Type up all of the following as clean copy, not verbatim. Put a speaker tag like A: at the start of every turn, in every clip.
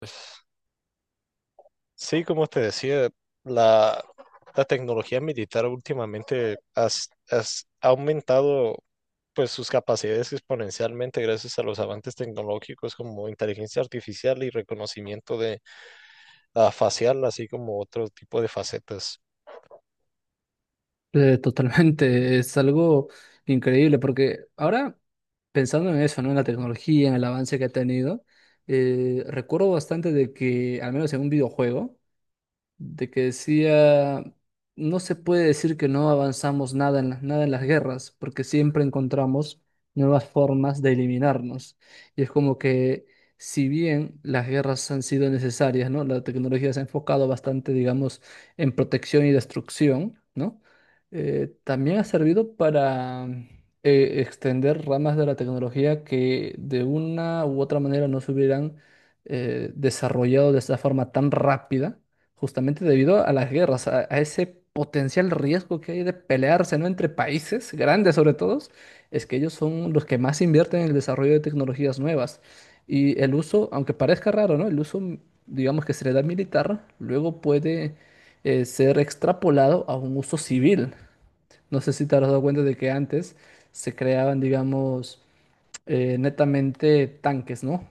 A: Pues, Sí, como te decía, la, la tecnología militar últimamente ha aumentado pues sus capacidades exponencialmente gracias a los avances tecnológicos como inteligencia artificial y reconocimiento facial, así como otro tipo de facetas.
B: Totalmente, es algo increíble porque ahora pensando en eso, ¿no? En la tecnología, en el avance que ha tenido, recuerdo bastante de que, al menos en un videojuego, de que decía, no se puede decir que no avanzamos nada nada en las guerras, porque siempre encontramos nuevas formas de eliminarnos. Y es como que, si bien las guerras han sido necesarias, ¿no? La tecnología se ha enfocado bastante, digamos, en protección y destrucción, ¿no? También ha servido para extender ramas de la tecnología que de una u otra manera no se hubieran desarrollado de esta forma tan rápida justamente debido a las guerras, a ese potencial riesgo que hay de pelearse, ¿no? Entre países grandes sobre todo, es que ellos son los que más invierten en el desarrollo de tecnologías nuevas. Y el uso, aunque parezca raro, ¿no? El uso, digamos que se le da militar, luego puede ser extrapolado a un uso civil. No sé si te has dado cuenta de que antes se creaban, digamos, netamente tanques, ¿no?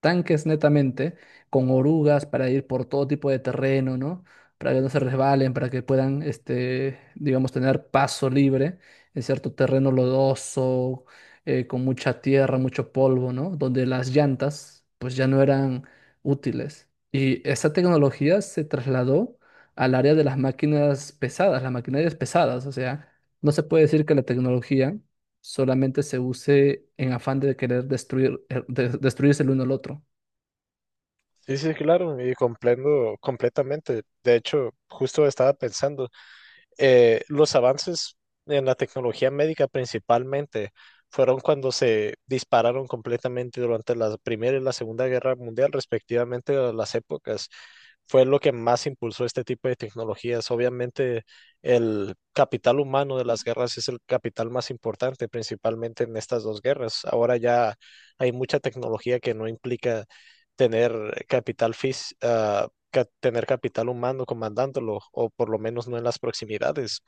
B: Tanques netamente, con orugas para ir por todo tipo de terreno, ¿no? Para que no se resbalen, para que puedan, este, digamos, tener paso libre en cierto terreno lodoso, con mucha tierra, mucho polvo, ¿no? Donde las llantas, pues ya no eran útiles. Y esa tecnología se trasladó al área de las máquinas pesadas, las maquinarias pesadas, o sea, no se puede decir que la tecnología solamente se use en afán de querer destruir, destruirse el uno al otro.
A: Sí, sí, claro, y comprendo completamente. De hecho, justo estaba pensando, los avances en la tecnología médica principalmente fueron cuando se dispararon completamente durante la Primera y la Segunda Guerra Mundial, respectivamente, a las épocas. Fue lo que más impulsó este tipo de tecnologías. Obviamente, el capital humano de las guerras es el capital más importante, principalmente en estas dos guerras. Ahora ya hay mucha tecnología que no implica tener capital fis- ah, ca- tener capital humano comandándolo, o por lo menos no en las proximidades.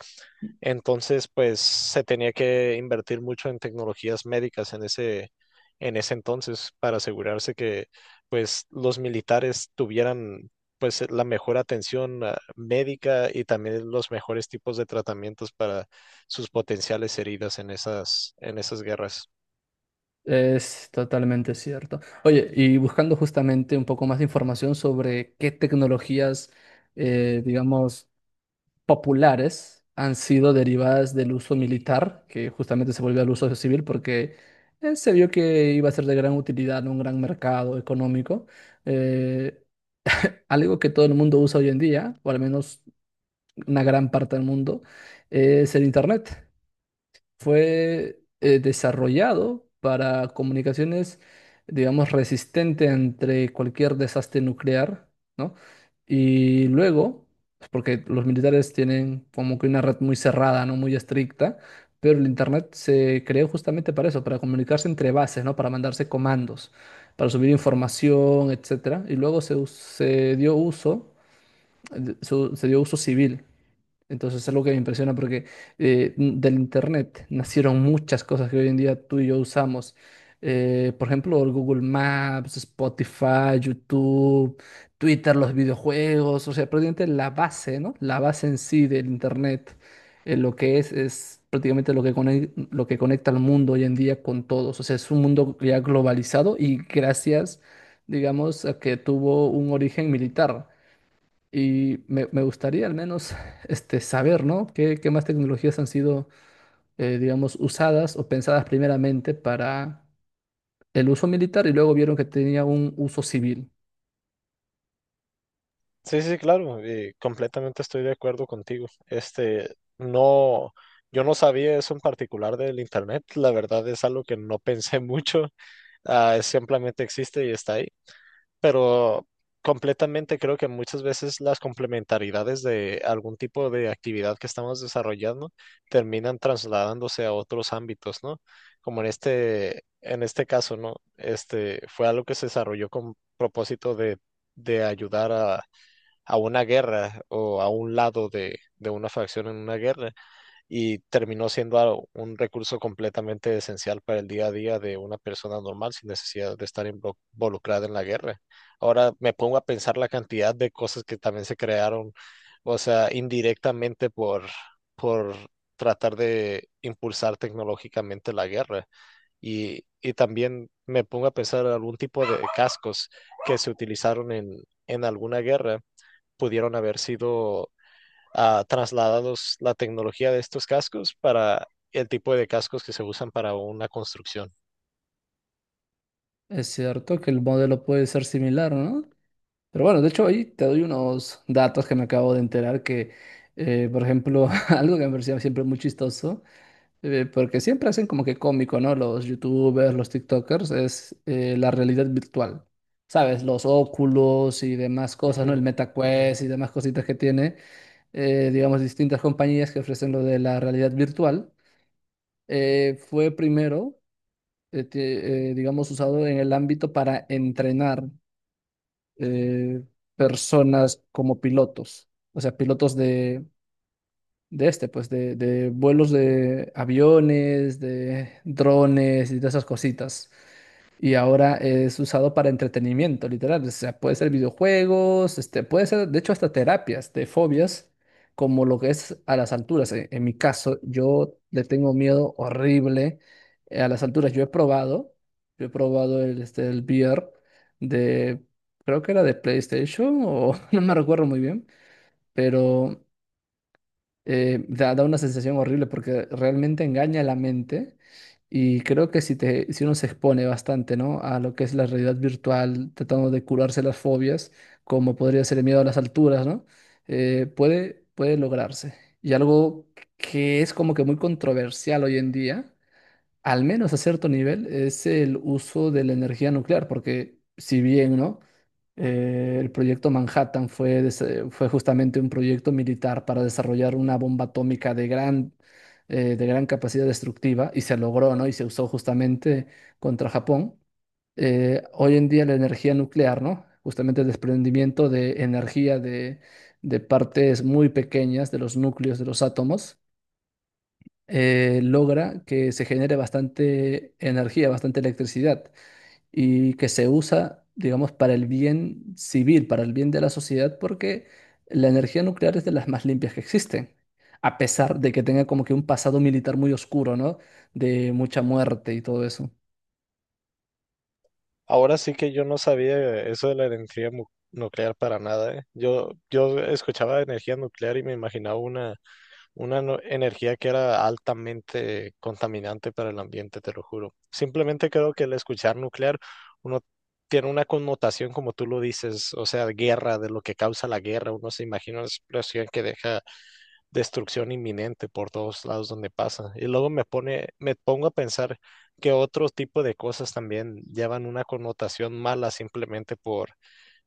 A: Entonces, pues se tenía que invertir mucho en tecnologías médicas en ese entonces para asegurarse que pues los militares tuvieran pues la mejor atención médica y también los mejores tipos de tratamientos para sus potenciales heridas en esas guerras.
B: Es totalmente cierto. Oye, y buscando justamente un poco más de información sobre qué tecnologías, digamos, populares han sido derivadas del uso militar, que justamente se volvió al uso civil porque se vio que iba a ser de gran utilidad en un gran mercado económico. Eh, Algo que todo el mundo usa hoy en día, o al menos una gran parte del mundo, es el Internet. Fue desarrollado para comunicaciones, digamos, resistente entre cualquier desastre nuclear, ¿no? Y luego, pues, porque los militares tienen como que una red muy cerrada, ¿no? Muy estricta, pero el Internet se creó justamente para eso, para comunicarse entre bases, ¿no? Para mandarse comandos, para subir información, etcétera. Y luego se dio uso, se dio uso civil. Entonces es algo que me impresiona porque del Internet nacieron muchas cosas que hoy en día tú y yo usamos. Por ejemplo, el Google Maps, Spotify, YouTube, Twitter, los videojuegos, o sea, prácticamente la base, ¿no? La base en sí del Internet, lo que es prácticamente lo que conecta al mundo hoy en día con todos. O sea, es un mundo ya globalizado y gracias, digamos, a que tuvo un origen militar. Y me gustaría al menos este, saber, ¿no? Qué más tecnologías han sido, digamos, usadas o pensadas primeramente para el uso militar y luego vieron que tenía un uso civil?
A: Sí, sí, claro, y completamente estoy de acuerdo contigo. Este, no, yo no sabía eso en particular del internet, la verdad es algo que no pensé mucho, es simplemente existe y está ahí, pero completamente creo que muchas veces las complementaridades de algún tipo de actividad que estamos desarrollando terminan trasladándose a otros ámbitos, ¿no? Como en este caso, ¿no? Este, fue algo que se desarrolló con propósito de ayudar a una guerra o a un lado de una facción en una guerra y terminó siendo un recurso completamente esencial para el día a día de una persona normal sin necesidad de estar involucrada en la guerra. Ahora me pongo a pensar la cantidad de cosas que también se crearon, o sea, indirectamente por tratar de impulsar tecnológicamente la guerra. Y también me pongo a pensar algún tipo de cascos que se utilizaron en alguna guerra pudieron haber sido trasladados la tecnología de estos cascos para el tipo de cascos que se usan para una construcción.
B: Es cierto que el modelo puede ser similar, ¿no? Pero bueno, de hecho ahí te doy unos datos que me acabo de enterar que, por ejemplo, algo que me parecía siempre muy chistoso. Porque siempre hacen como que cómico, ¿no? Los YouTubers, los TikTokers, es la realidad virtual. ¿Sabes? Los óculos y demás cosas,
A: Ujú,
B: ¿no? El
A: ujú.
B: MetaQuest y demás cositas que tiene, digamos, distintas compañías que ofrecen lo de la realidad virtual. Fue primero, digamos, usado en el ámbito para entrenar eh, personas como pilotos, o sea, pilotos de este, pues de vuelos de aviones, de drones y de esas cositas. Y ahora es usado para entretenimiento, literal. O sea, puede ser videojuegos, este, puede ser, de hecho, hasta terapias de fobias, como lo que es a las alturas. En mi caso, yo le tengo miedo horrible a las alturas. Yo he probado el, este, el VR de, creo que era de PlayStation o no me recuerdo muy bien, pero da una sensación horrible porque realmente engaña la mente y creo que si uno se expone bastante, ¿no? A lo que es la realidad virtual, tratando de curarse las fobias, como podría ser el miedo a las alturas, ¿no? Puede lograrse. Y algo que es como que muy controversial hoy en día al menos a cierto nivel, es el uso de la energía nuclear, porque si bien, ¿no? El proyecto Manhattan fue justamente un proyecto militar para desarrollar una bomba atómica de gran capacidad destructiva y se logró, ¿no? Y se usó justamente contra Japón. Hoy en día la energía nuclear, ¿no? Justamente el desprendimiento de energía de partes muy pequeñas de los núcleos de los átomos logra que se genere bastante energía, bastante electricidad y que se usa, digamos, para el bien civil, para el bien de la sociedad, porque la energía nuclear es de las más limpias que existen, a pesar de que tenga como que un pasado militar muy oscuro, ¿no? De mucha muerte y todo eso.
A: Ahora sí que yo no sabía eso de la nuclear para nada, ¿eh? Yo escuchaba de energía nuclear y me imaginaba una una energía que era altamente contaminante para el ambiente, te lo juro. Simplemente creo que el escuchar nuclear, uno tiene una connotación, como tú lo dices, o sea, guerra, de lo que causa la guerra. Uno se imagina una explosión que deja destrucción inminente por todos lados donde pasa. Y luego me pongo a pensar que otro tipo de cosas también llevan una connotación mala simplemente por,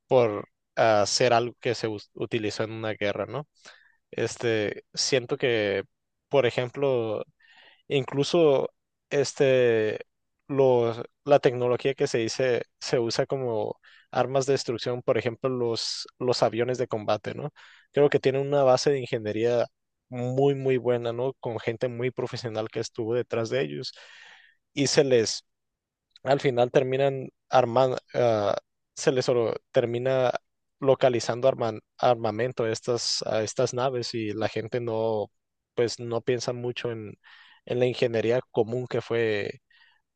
A: por ah, ser algo que se utilizó en una guerra, ¿no? Este, siento que, por ejemplo, incluso este, la tecnología que se dice se usa como armas de destrucción, por ejemplo, los aviones de combate, ¿no? Creo que tienen una base de ingeniería muy buena, ¿no? Con gente muy profesional que estuvo detrás de ellos y se les al final terminan armando, termina localizando armamento a a estas naves y la gente no, pues no piensa mucho en la ingeniería común que fue,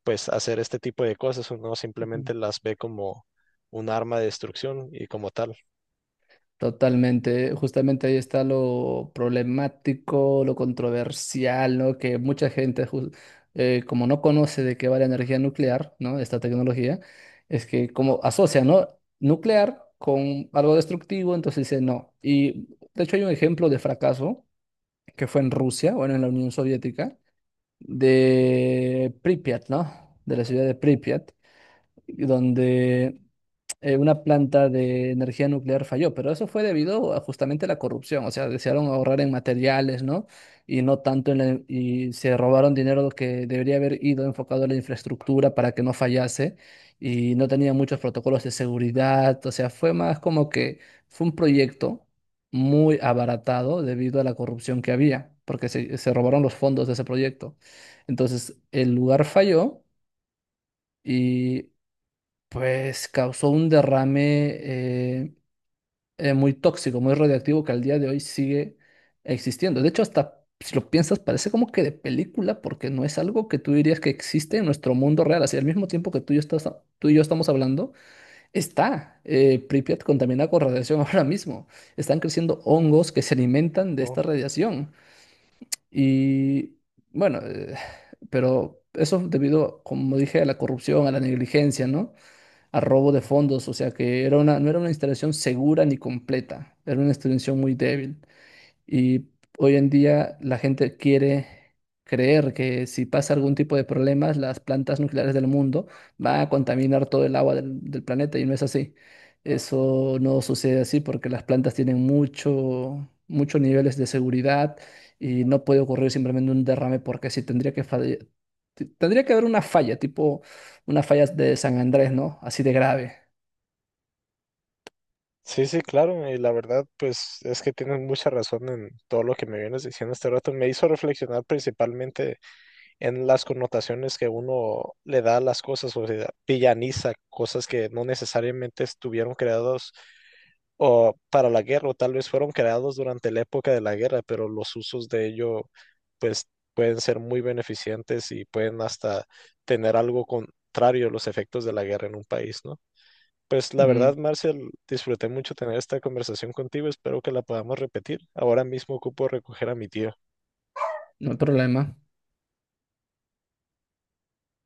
A: pues hacer este tipo de cosas, uno simplemente las ve como un arma de destrucción y como tal.
B: Totalmente, justamente ahí está lo problemático, lo controversial, ¿no? Que mucha gente, como no conoce de qué va la energía nuclear, ¿no? Esta tecnología, es que como asocia, ¿no? Nuclear con algo destructivo, entonces dice no. Y de hecho hay un ejemplo de fracaso que fue en Rusia, bueno, en la Unión Soviética, de Pripyat, ¿no? De la ciudad de Pripyat, donde una planta de energía nuclear falló, pero eso fue debido a justamente la corrupción, o sea, desearon ahorrar en materiales, ¿no? Y no tanto y se robaron dinero que debería haber ido enfocado a la infraestructura para que no fallase y no tenían muchos protocolos de seguridad, o sea, fue más como que fue un proyecto muy abaratado debido a la corrupción que había, porque se robaron los fondos de ese proyecto. Entonces, el lugar falló. Y pues causó un derrame muy tóxico, muy radioactivo que al día de hoy sigue existiendo. De hecho, hasta si lo piensas, parece como que de película, porque no es algo que tú dirías que existe en nuestro mundo real. Así, al mismo tiempo que tú y yo estamos hablando, está Pripyat contaminada con radiación ahora mismo. Están creciendo hongos que se alimentan de
A: Oh.
B: esta radiación. Y bueno, pero eso es debido, como dije, a la corrupción, a la negligencia, ¿no? A robo de fondos, o sea que no era una instalación segura ni completa, era una instalación muy débil. Y hoy en día la gente quiere creer que si pasa algún tipo de problemas, las plantas nucleares del mundo van a contaminar todo el agua del planeta y no es así. Eso no sucede así porque las plantas tienen muchos niveles de seguridad y no puede ocurrir simplemente un derrame porque sí tendría que haber una falla, tipo una falla de San Andrés, ¿no? Así de grave.
A: Sí, sí, claro, y la verdad, pues es que tienes mucha razón en todo lo que me vienes diciendo este rato. Me hizo reflexionar principalmente en las connotaciones que uno le da a las cosas, o sea, villaniza cosas que no necesariamente estuvieron creados o para la guerra, o tal vez fueron creados durante la época de la guerra, pero los usos de ello, pues, pueden ser muy beneficientes y pueden hasta tener algo contrario a los efectos de la guerra en un país, ¿no? Pues la
B: Ujú.
A: verdad, Marcel, disfruté mucho tener esta conversación contigo, espero que la podamos repetir. Ahora mismo ocupo recoger a mi tío.
B: No hay problema.